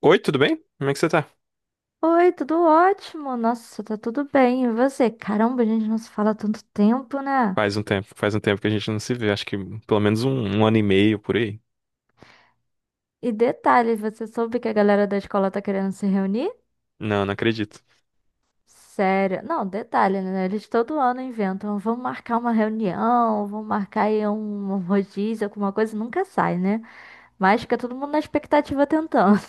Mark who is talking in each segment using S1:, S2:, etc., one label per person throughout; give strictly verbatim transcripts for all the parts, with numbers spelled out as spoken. S1: Oi, tudo bem? Como é que você tá?
S2: Oi, tudo ótimo? Nossa, tá tudo bem. E você? Caramba, a gente não se fala há tanto tempo, né?
S1: Faz um tempo, faz um tempo que a gente não se vê, acho que pelo menos um, um ano e meio por aí.
S2: E detalhe, você soube que a galera da escola tá querendo se reunir?
S1: Não, não acredito.
S2: Sério? Não, detalhe, né? Eles todo ano inventam, vão marcar uma reunião, vão marcar aí um um rodízio, alguma coisa, nunca sai, né? Mas fica todo mundo na expectativa tentando.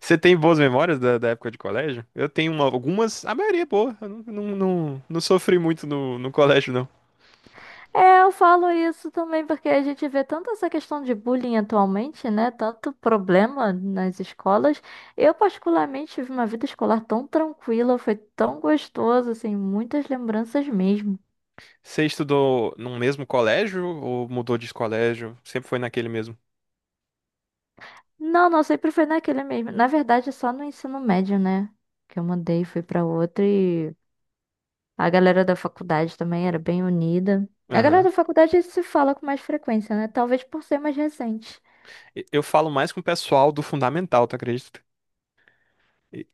S1: Você tem boas memórias da, da época de colégio? Eu tenho uma- algumas, a maioria é boa. Eu não, não, não, não sofri muito no, no colégio, não.
S2: É, eu falo isso também porque a gente vê tanto essa questão de bullying atualmente, né? Tanto problema nas escolas. Eu, particularmente, tive uma vida escolar tão tranquila, foi tão gostoso, assim, muitas lembranças mesmo.
S1: Você estudou num mesmo colégio ou mudou de colégio? Sempre foi naquele mesmo?
S2: Não, não, sempre foi naquele mesmo. Na verdade, só no ensino médio, né? Que eu mudei, fui pra outra e a galera da faculdade também era bem unida. A galera
S1: Aham.
S2: da faculdade se fala com mais frequência, né? Talvez por ser mais recente.
S1: E- Eu falo mais com o pessoal do fundamental, tu acredita?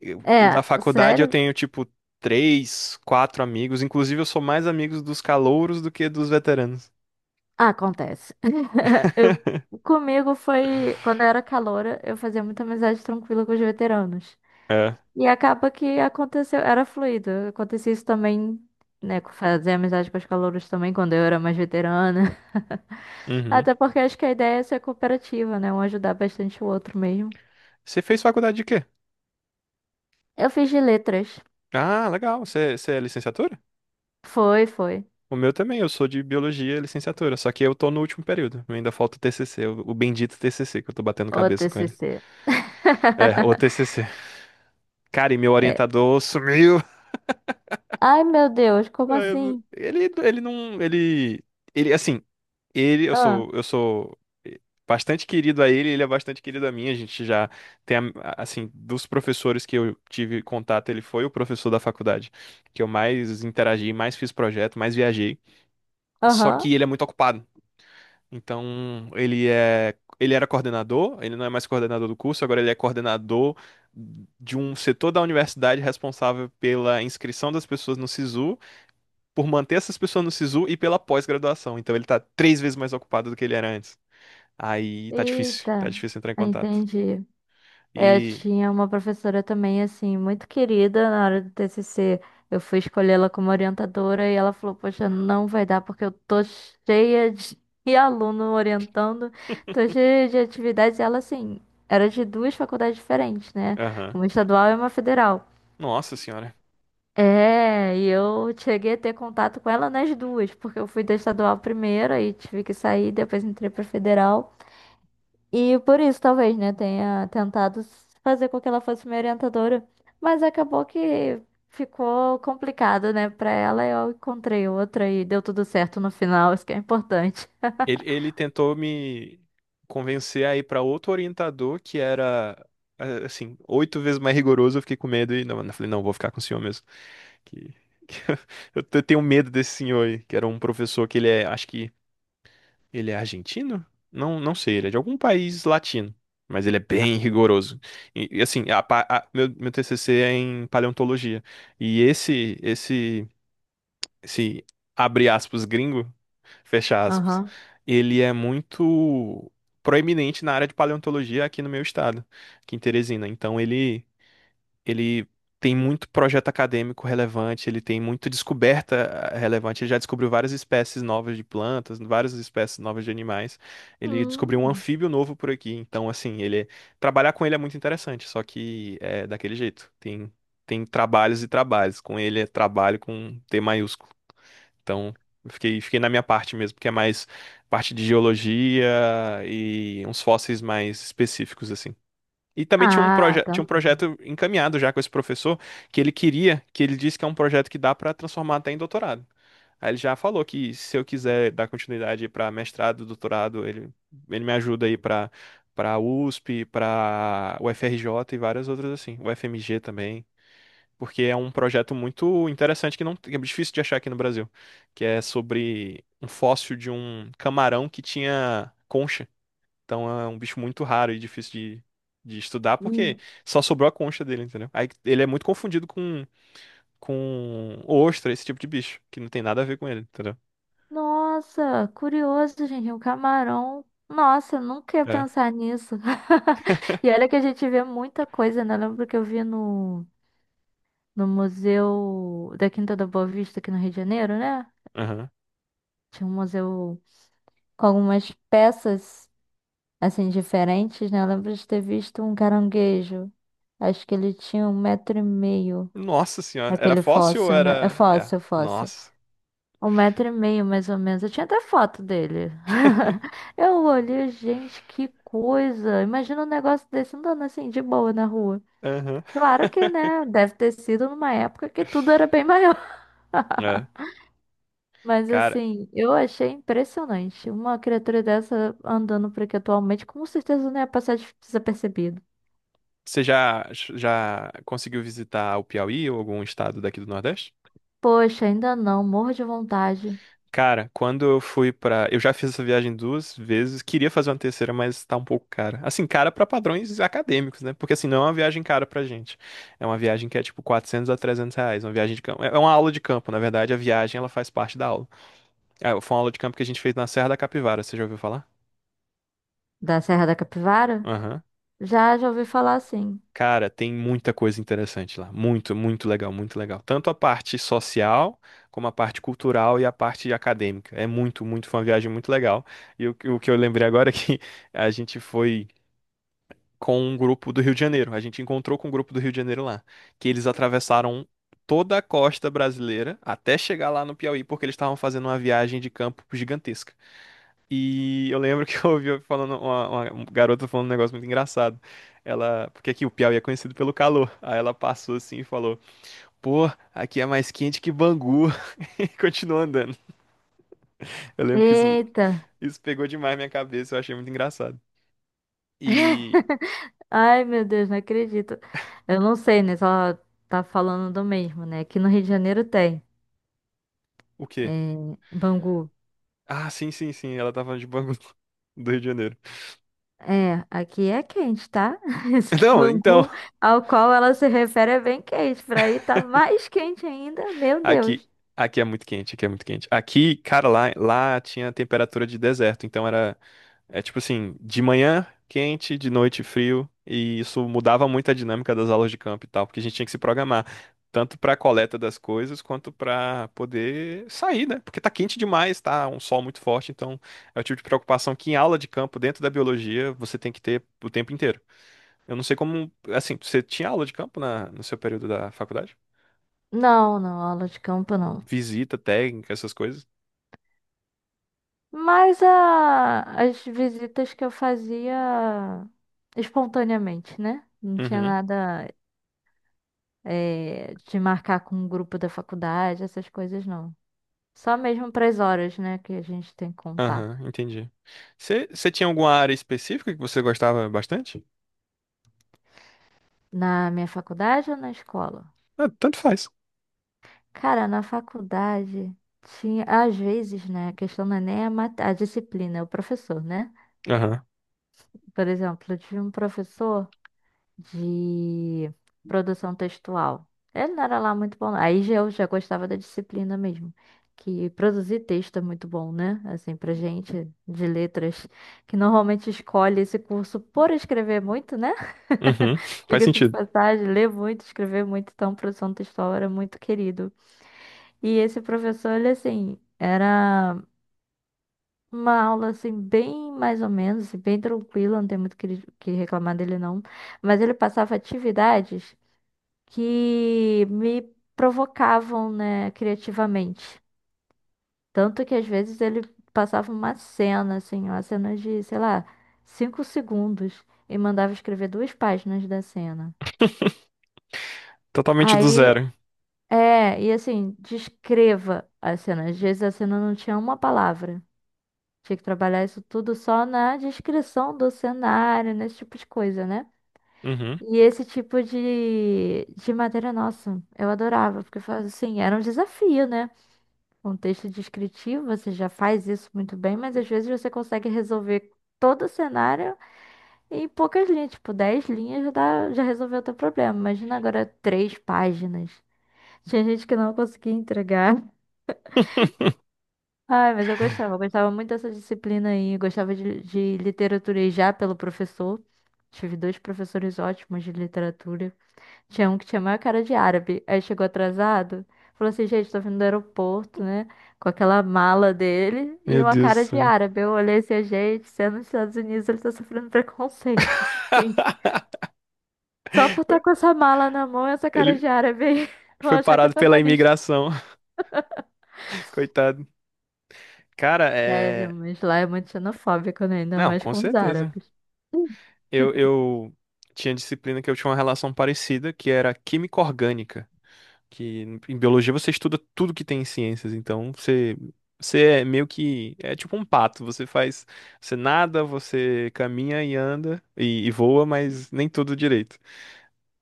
S1: Eu- o da
S2: É,
S1: faculdade eu
S2: sério?
S1: tenho, tipo, três, quatro amigos. Inclusive, eu sou mais amigos dos calouros do que dos veteranos.
S2: Ah, acontece. Eu, comigo foi, quando eu era caloura, eu fazia muita amizade tranquila com os veteranos.
S1: É.
S2: E acaba que aconteceu, era fluido. Acontecia isso também, né? com- Fazer amizade com os calouros também, quando eu era mais veterana.
S1: Uhum.
S2: Até porque acho que a ideia é ser cooperativa, né? Um ajudar bastante o outro mesmo.
S1: Você fez faculdade de quê?
S2: Eu fiz de letras.
S1: Ah, legal. Você, você é licenciatura?
S2: Foi, foi.
S1: O meu também, eu sou de biologia e licenciatura, só que eu tô no último período. Ainda falta o T C C, o o bendito T C C, que eu tô batendo
S2: O
S1: cabeça com ele.
S2: T C C.
S1: É, o T C C. Cara, e meu
S2: É.
S1: orientador sumiu.
S2: Ai, meu Deus, como
S1: É.
S2: assim?
S1: Ele, ele não, ele, ele, assim, ele, eu
S2: Ah,
S1: sou, eu sou bastante querido a ele, ele é bastante querido a mim. A gente já tem, a- assim, dos professores que eu tive contato, ele foi o professor da faculdade que eu mais interagi, mais fiz projeto, mais viajei. Só
S2: aham.
S1: que ele é muito ocupado. Então, ele é, ele era coordenador, ele não é mais coordenador do curso, agora ele é coordenador de um setor da universidade responsável pela inscrição das pessoas no SISU, por manter essas pessoas no SISU e pela pós-graduação. Então ele tá três vezes mais ocupado do que ele era antes. Aí tá difícil, tá
S2: Eita,
S1: difícil entrar em contato.
S2: entendi. Eu
S1: E,
S2: tinha uma professora também, assim, muito querida na hora do T C C. Eu fui escolher ela como orientadora e ela falou: Poxa, não vai dar porque eu tô cheia de de aluno orientando, tô cheia de atividades. E ela, assim, era de duas faculdades diferentes, né?
S1: aham,
S2: Uma estadual e uma federal.
S1: nossa senhora.
S2: É, e eu cheguei a ter contato com ela nas duas, porque eu fui da estadual primeiro e tive que sair, depois entrei pra federal. E por isso, talvez, né, tenha tentado fazer com que ela fosse minha orientadora. Mas acabou que ficou complicado, né, pra ela. Eu encontrei outra e deu tudo certo no final. Isso que é importante.
S1: Ele, ele tentou me convencer a ir pra outro orientador que era, eh, assim, oito vezes mais rigoroso. Eu fiquei com medo e não, eu falei, não, vou ficar com o senhor mesmo. Que, que eu tenho medo desse senhor aí, que era um professor que ele é, acho que ele é argentino? Não, não sei, ele é de algum país latino, mas ele é bem rigoroso. E, e, assim, a pa- a- meu, meu T C C é em paleontologia. E esse, esse, esse, abre aspas, gringo, fecha aspas,
S2: Aham.
S1: ele é muito proeminente na área de paleontologia aqui no meu estado, aqui em Teresina. Então ele ele tem muito projeto acadêmico relevante, ele tem muita descoberta eh, relevante. Ele já descobriu várias espécies novas de plantas, várias espécies novas de animais. Ele descobriu um
S2: Hum.
S1: anfíbio novo por aqui. Então, assim, ele é- trabalhar com ele é muito interessante, só que é daquele jeito. Tem tem trabalhos e trabalhos. Com ele é trabalho com T maiúsculo. Então, eu fiquei fiquei na minha parte mesmo, que é mais parte de geologia e uns fósseis mais específicos assim. E também tinha um,
S2: Ah,
S1: proje tinha um
S2: também.
S1: projeto encaminhado já com esse professor, que ele queria, que ele disse que é um projeto que dá para transformar até em doutorado. Aí ele já falou que se eu quiser dar continuidade para mestrado, doutorado, ele, ele me ajuda aí para para USP, para U F R J e várias outras assim, U F M G também, porque é um projeto muito interessante que não que é difícil de achar aqui no Brasil, que é sobre um fóssil de um camarão que tinha concha, então é um bicho muito raro e difícil de, de estudar, porque
S2: Hum.
S1: só sobrou a concha dele, entendeu? Aí ele é muito confundido com, com ostra, esse tipo de bicho, que não tem nada a ver com ele, entendeu?
S2: Nossa, curioso, gente. Um camarão. Nossa, eu nunca ia
S1: É.
S2: pensar nisso. E olha que a gente vê muita coisa, né? Eu lembro que eu vi no, no Museu da Quinta da Boa Vista aqui no Rio de Janeiro, né?
S1: Aham.
S2: Tinha um museu com algumas peças, assim, diferentes, né? Eu lembro de ter visto um caranguejo. Acho que ele tinha um metro e meio.
S1: Nossa senhora, era
S2: Aquele
S1: fóssil ou
S2: fóssil, né? É
S1: era. É.
S2: fóssil, fóssil.
S1: Nossa.
S2: Um metro e meio, mais ou menos. Eu tinha até foto dele. Eu olhei, gente, que coisa. Imagina um negócio desse andando assim, de boa na rua.
S1: Aham.
S2: Claro que, né? Deve ter sido numa época que tudo era bem maior.
S1: É.
S2: Mas
S1: Cara,
S2: assim, eu achei impressionante. Uma criatura dessa andando por aqui atualmente, com certeza não ia passar des- desapercebido.
S1: você já, já conseguiu visitar o Piauí ou algum estado daqui do Nordeste?
S2: Poxa, ainda não, morro de vontade.
S1: Cara, quando eu fui pra. Eu já fiz essa viagem duas vezes, queria fazer uma terceira, mas tá um pouco cara. Assim, cara pra padrões acadêmicos, né? Porque assim, não é uma viagem cara pra gente. É uma viagem que é tipo quatrocentos a trezentos reais, uma viagem de campo. É uma aula de campo, na verdade, a viagem ela faz parte da aula. Ah, foi uma aula de campo que a gente fez na Serra da Capivara, você já ouviu falar?
S2: Da Serra da Capivara?
S1: Aham.
S2: Já, já ouvi falar assim.
S1: Cara, tem muita coisa interessante lá. Muito, muito legal, muito legal. Tanto a parte social, como a parte cultural e a parte acadêmica. É muito, muito, foi uma viagem muito legal. E o, o que eu lembrei agora é que a gente foi com um grupo do Rio de Janeiro. A gente encontrou com um grupo do Rio de Janeiro lá, que eles atravessaram toda a costa brasileira até chegar lá no Piauí, porque eles estavam fazendo uma viagem de campo gigantesca. E eu lembro que eu ouvi falando uma, uma um garota falando um negócio muito engraçado. Ela, porque aqui o Piauí é conhecido pelo calor. Aí ela passou assim e falou: "Pô, aqui é mais quente que Bangu". E continuou andando. Eu lembro que isso
S2: Eita!
S1: isso pegou demais minha cabeça, eu achei muito engraçado. E
S2: Ai, meu Deus, não acredito. Eu não sei, né? Só tá falando do mesmo, né? Aqui no Rio de Janeiro tem.
S1: o quê?
S2: É, Bangu.
S1: Ah, sim, sim, sim, ela tava falando de Bangu do Rio de Janeiro.
S2: É, aqui é quente, tá? Esse
S1: Não, então,
S2: mangu ao qual ela se refere é bem quente. Por aí tá mais quente ainda, meu
S1: aqui
S2: Deus.
S1: aqui é muito quente, aqui é muito quente. Aqui, cara, lá lá tinha temperatura de deserto, então era. É tipo assim, de manhã quente, de noite frio, e isso mudava muito a dinâmica das aulas de campo e tal, porque a gente tinha que se programar, tanto para a coleta das coisas, quanto para poder sair, né? Porque tá quente demais, tá um sol muito forte, então é o tipo de preocupação que em aula de campo, dentro da biologia, você tem que ter o tempo inteiro. Eu não sei como, assim, você tinha aula de campo na, no seu período da faculdade?
S2: Não, não, aula de campo não.
S1: Visita, técnica, essas coisas?
S2: Mas a, as visitas que eu fazia espontaneamente, né? Não tinha
S1: Uhum,
S2: nada eh, de marcar com o grupo da faculdade, essas coisas não. Só mesmo para as horas, né, que a gente tem que contar.
S1: aham, entendi. Você você tinha alguma área específica que você gostava bastante?
S2: Na minha faculdade ou na escola?
S1: Ah, tanto faz.
S2: Cara, na faculdade tinha, às vezes, né? A questão não é nem a, mat- a disciplina, é o professor, né?
S1: Aham.
S2: Por exemplo, eu tive um professor de produção textual. Ele não era lá muito bom. Aí já eu já gostava da disciplina mesmo. Que produzir texto é muito bom, né? Assim, pra gente de letras, que normalmente escolhe esse curso por escrever muito, né?
S1: Uhum. Faz
S2: Diga-se de
S1: sentido.
S2: passagem, ler muito, escrever muito, então produção textual era muito querido. E esse professor, ele assim, era uma aula assim, bem mais ou menos, assim, bem tranquila, não tem muito o que, o que reclamar dele não. Mas ele passava atividades que me provocavam, né, criativamente. Tanto que às vezes ele passava uma cena, assim, uma cena de, sei lá, cinco segundos e mandava escrever duas páginas da cena.
S1: Totalmente do
S2: Aí,
S1: zero.
S2: é, e assim, descreva a cena. Às vezes a cena não tinha uma palavra. Tinha que trabalhar isso tudo só na descrição do cenário, nesse tipo de coisa, né?
S1: Uhum.
S2: E esse tipo de, de matéria, nossa, eu adorava, porque faz- assim, era um desafio, né? Um texto descritivo, você já faz isso muito bem, mas às vezes você consegue resolver todo o cenário em poucas linhas, tipo, dez linhas já, dá, já resolveu o teu problema. Imagina agora três páginas. Tinha gente que não conseguia entregar. Ai, mas eu gostava, eu gostava muito dessa disciplina aí. Eu gostava de, de literatura e já pelo professor. Tive dois professores ótimos de literatura. Tinha um que tinha a maior cara de árabe. Aí chegou atrasado, falou assim: gente, tô vindo do aeroporto, né? Com aquela mala dele e
S1: Meu
S2: uma
S1: Deus do
S2: cara de
S1: céu.
S2: árabe. Eu olhei assim: "Ah, gente, sendo nos Estados Unidos, ele tá sofrendo preconceitos. Sim. Só por estar com essa mala na mão e essa cara
S1: Ele
S2: de árabe aí, vão
S1: foi
S2: achar que é
S1: parado pela
S2: terrorista.
S1: imigração. Coitado. Cara,
S2: Sério,
S1: é.
S2: mas lá é muito xenofóbico, né? Ainda
S1: Não,
S2: mais
S1: com
S2: com os
S1: certeza.
S2: árabes.
S1: Eu, eu tinha disciplina que eu tinha uma relação parecida, que era química orgânica. Que em biologia você estuda tudo que tem em ciências. Então você. Você é meio que. É tipo um pato. Você faz. Você nada, você caminha e anda e, e voa, mas nem tudo direito.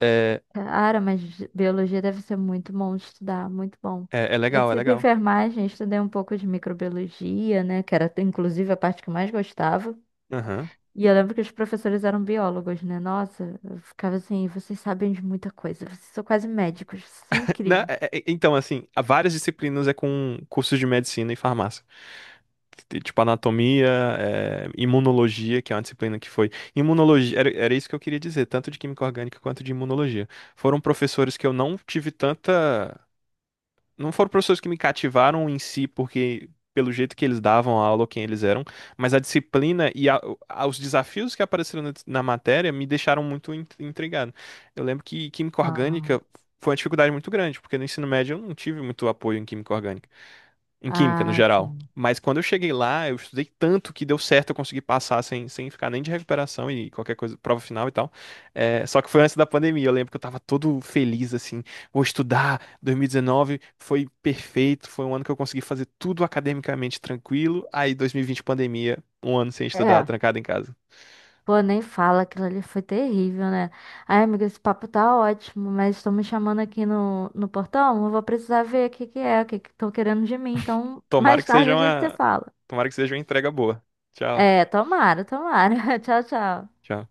S1: É.
S2: Cara, mas biologia deve ser muito bom de estudar, muito bom.
S1: É, é
S2: Eu
S1: legal, é
S2: fiz
S1: legal.
S2: enfermagem, estudei um pouco de microbiologia, né? Que era inclusive a parte que eu mais gostava.
S1: Aham.
S2: E eu lembro que os professores eram biólogos, né? Nossa, eu ficava assim, vocês sabem de muita coisa, vocês são quase médicos, vocês são
S1: Né,
S2: incríveis.
S1: é- é- é, então, assim, há várias disciplinas é com cursos de medicina e farmácia. T- Tipo, anatomia, é, imunologia, que é uma disciplina que foi. Imunologia, era, era isso que eu queria dizer, tanto de química orgânica quanto de imunologia. Foram professores que eu não tive tanta. Não foram professores que me cativaram em si, porque pelo jeito que eles davam a aula, ou quem eles eram, mas a disciplina e a- a- os desafios que apareceram na, na matéria me deixaram muito in- intrigado. Eu lembro que química
S2: Aham.
S1: orgânica foi uma dificuldade muito grande, porque no ensino médio eu não tive muito apoio em química orgânica em química, no
S2: Ah,
S1: geral.
S2: sim.
S1: Mas quando eu cheguei lá, eu estudei tanto que deu certo, eu consegui passar sem, sem ficar nem de recuperação e qualquer coisa, prova final e tal. É, só que foi antes da pandemia, eu lembro que eu tava todo feliz, assim, vou estudar, dois mil e dezenove foi perfeito, foi um ano que eu consegui fazer tudo academicamente tranquilo, aí dois mil e vinte pandemia, um ano sem estudar,
S2: É.
S1: trancado em casa.
S2: Pô, nem fala, aquilo ali foi terrível, né? Ai, amiga, esse papo tá ótimo, mas estão me chamando aqui no, no portão, eu vou precisar ver o que que é, o que que estão querendo de mim. Então,
S1: Tomara
S2: mais
S1: que
S2: tarde
S1: seja
S2: a gente se
S1: uma,
S2: fala.
S1: Tomara que seja uma entrega boa. Tchau.
S2: É, tomara, tomara. Tchau, tchau.
S1: Tchau.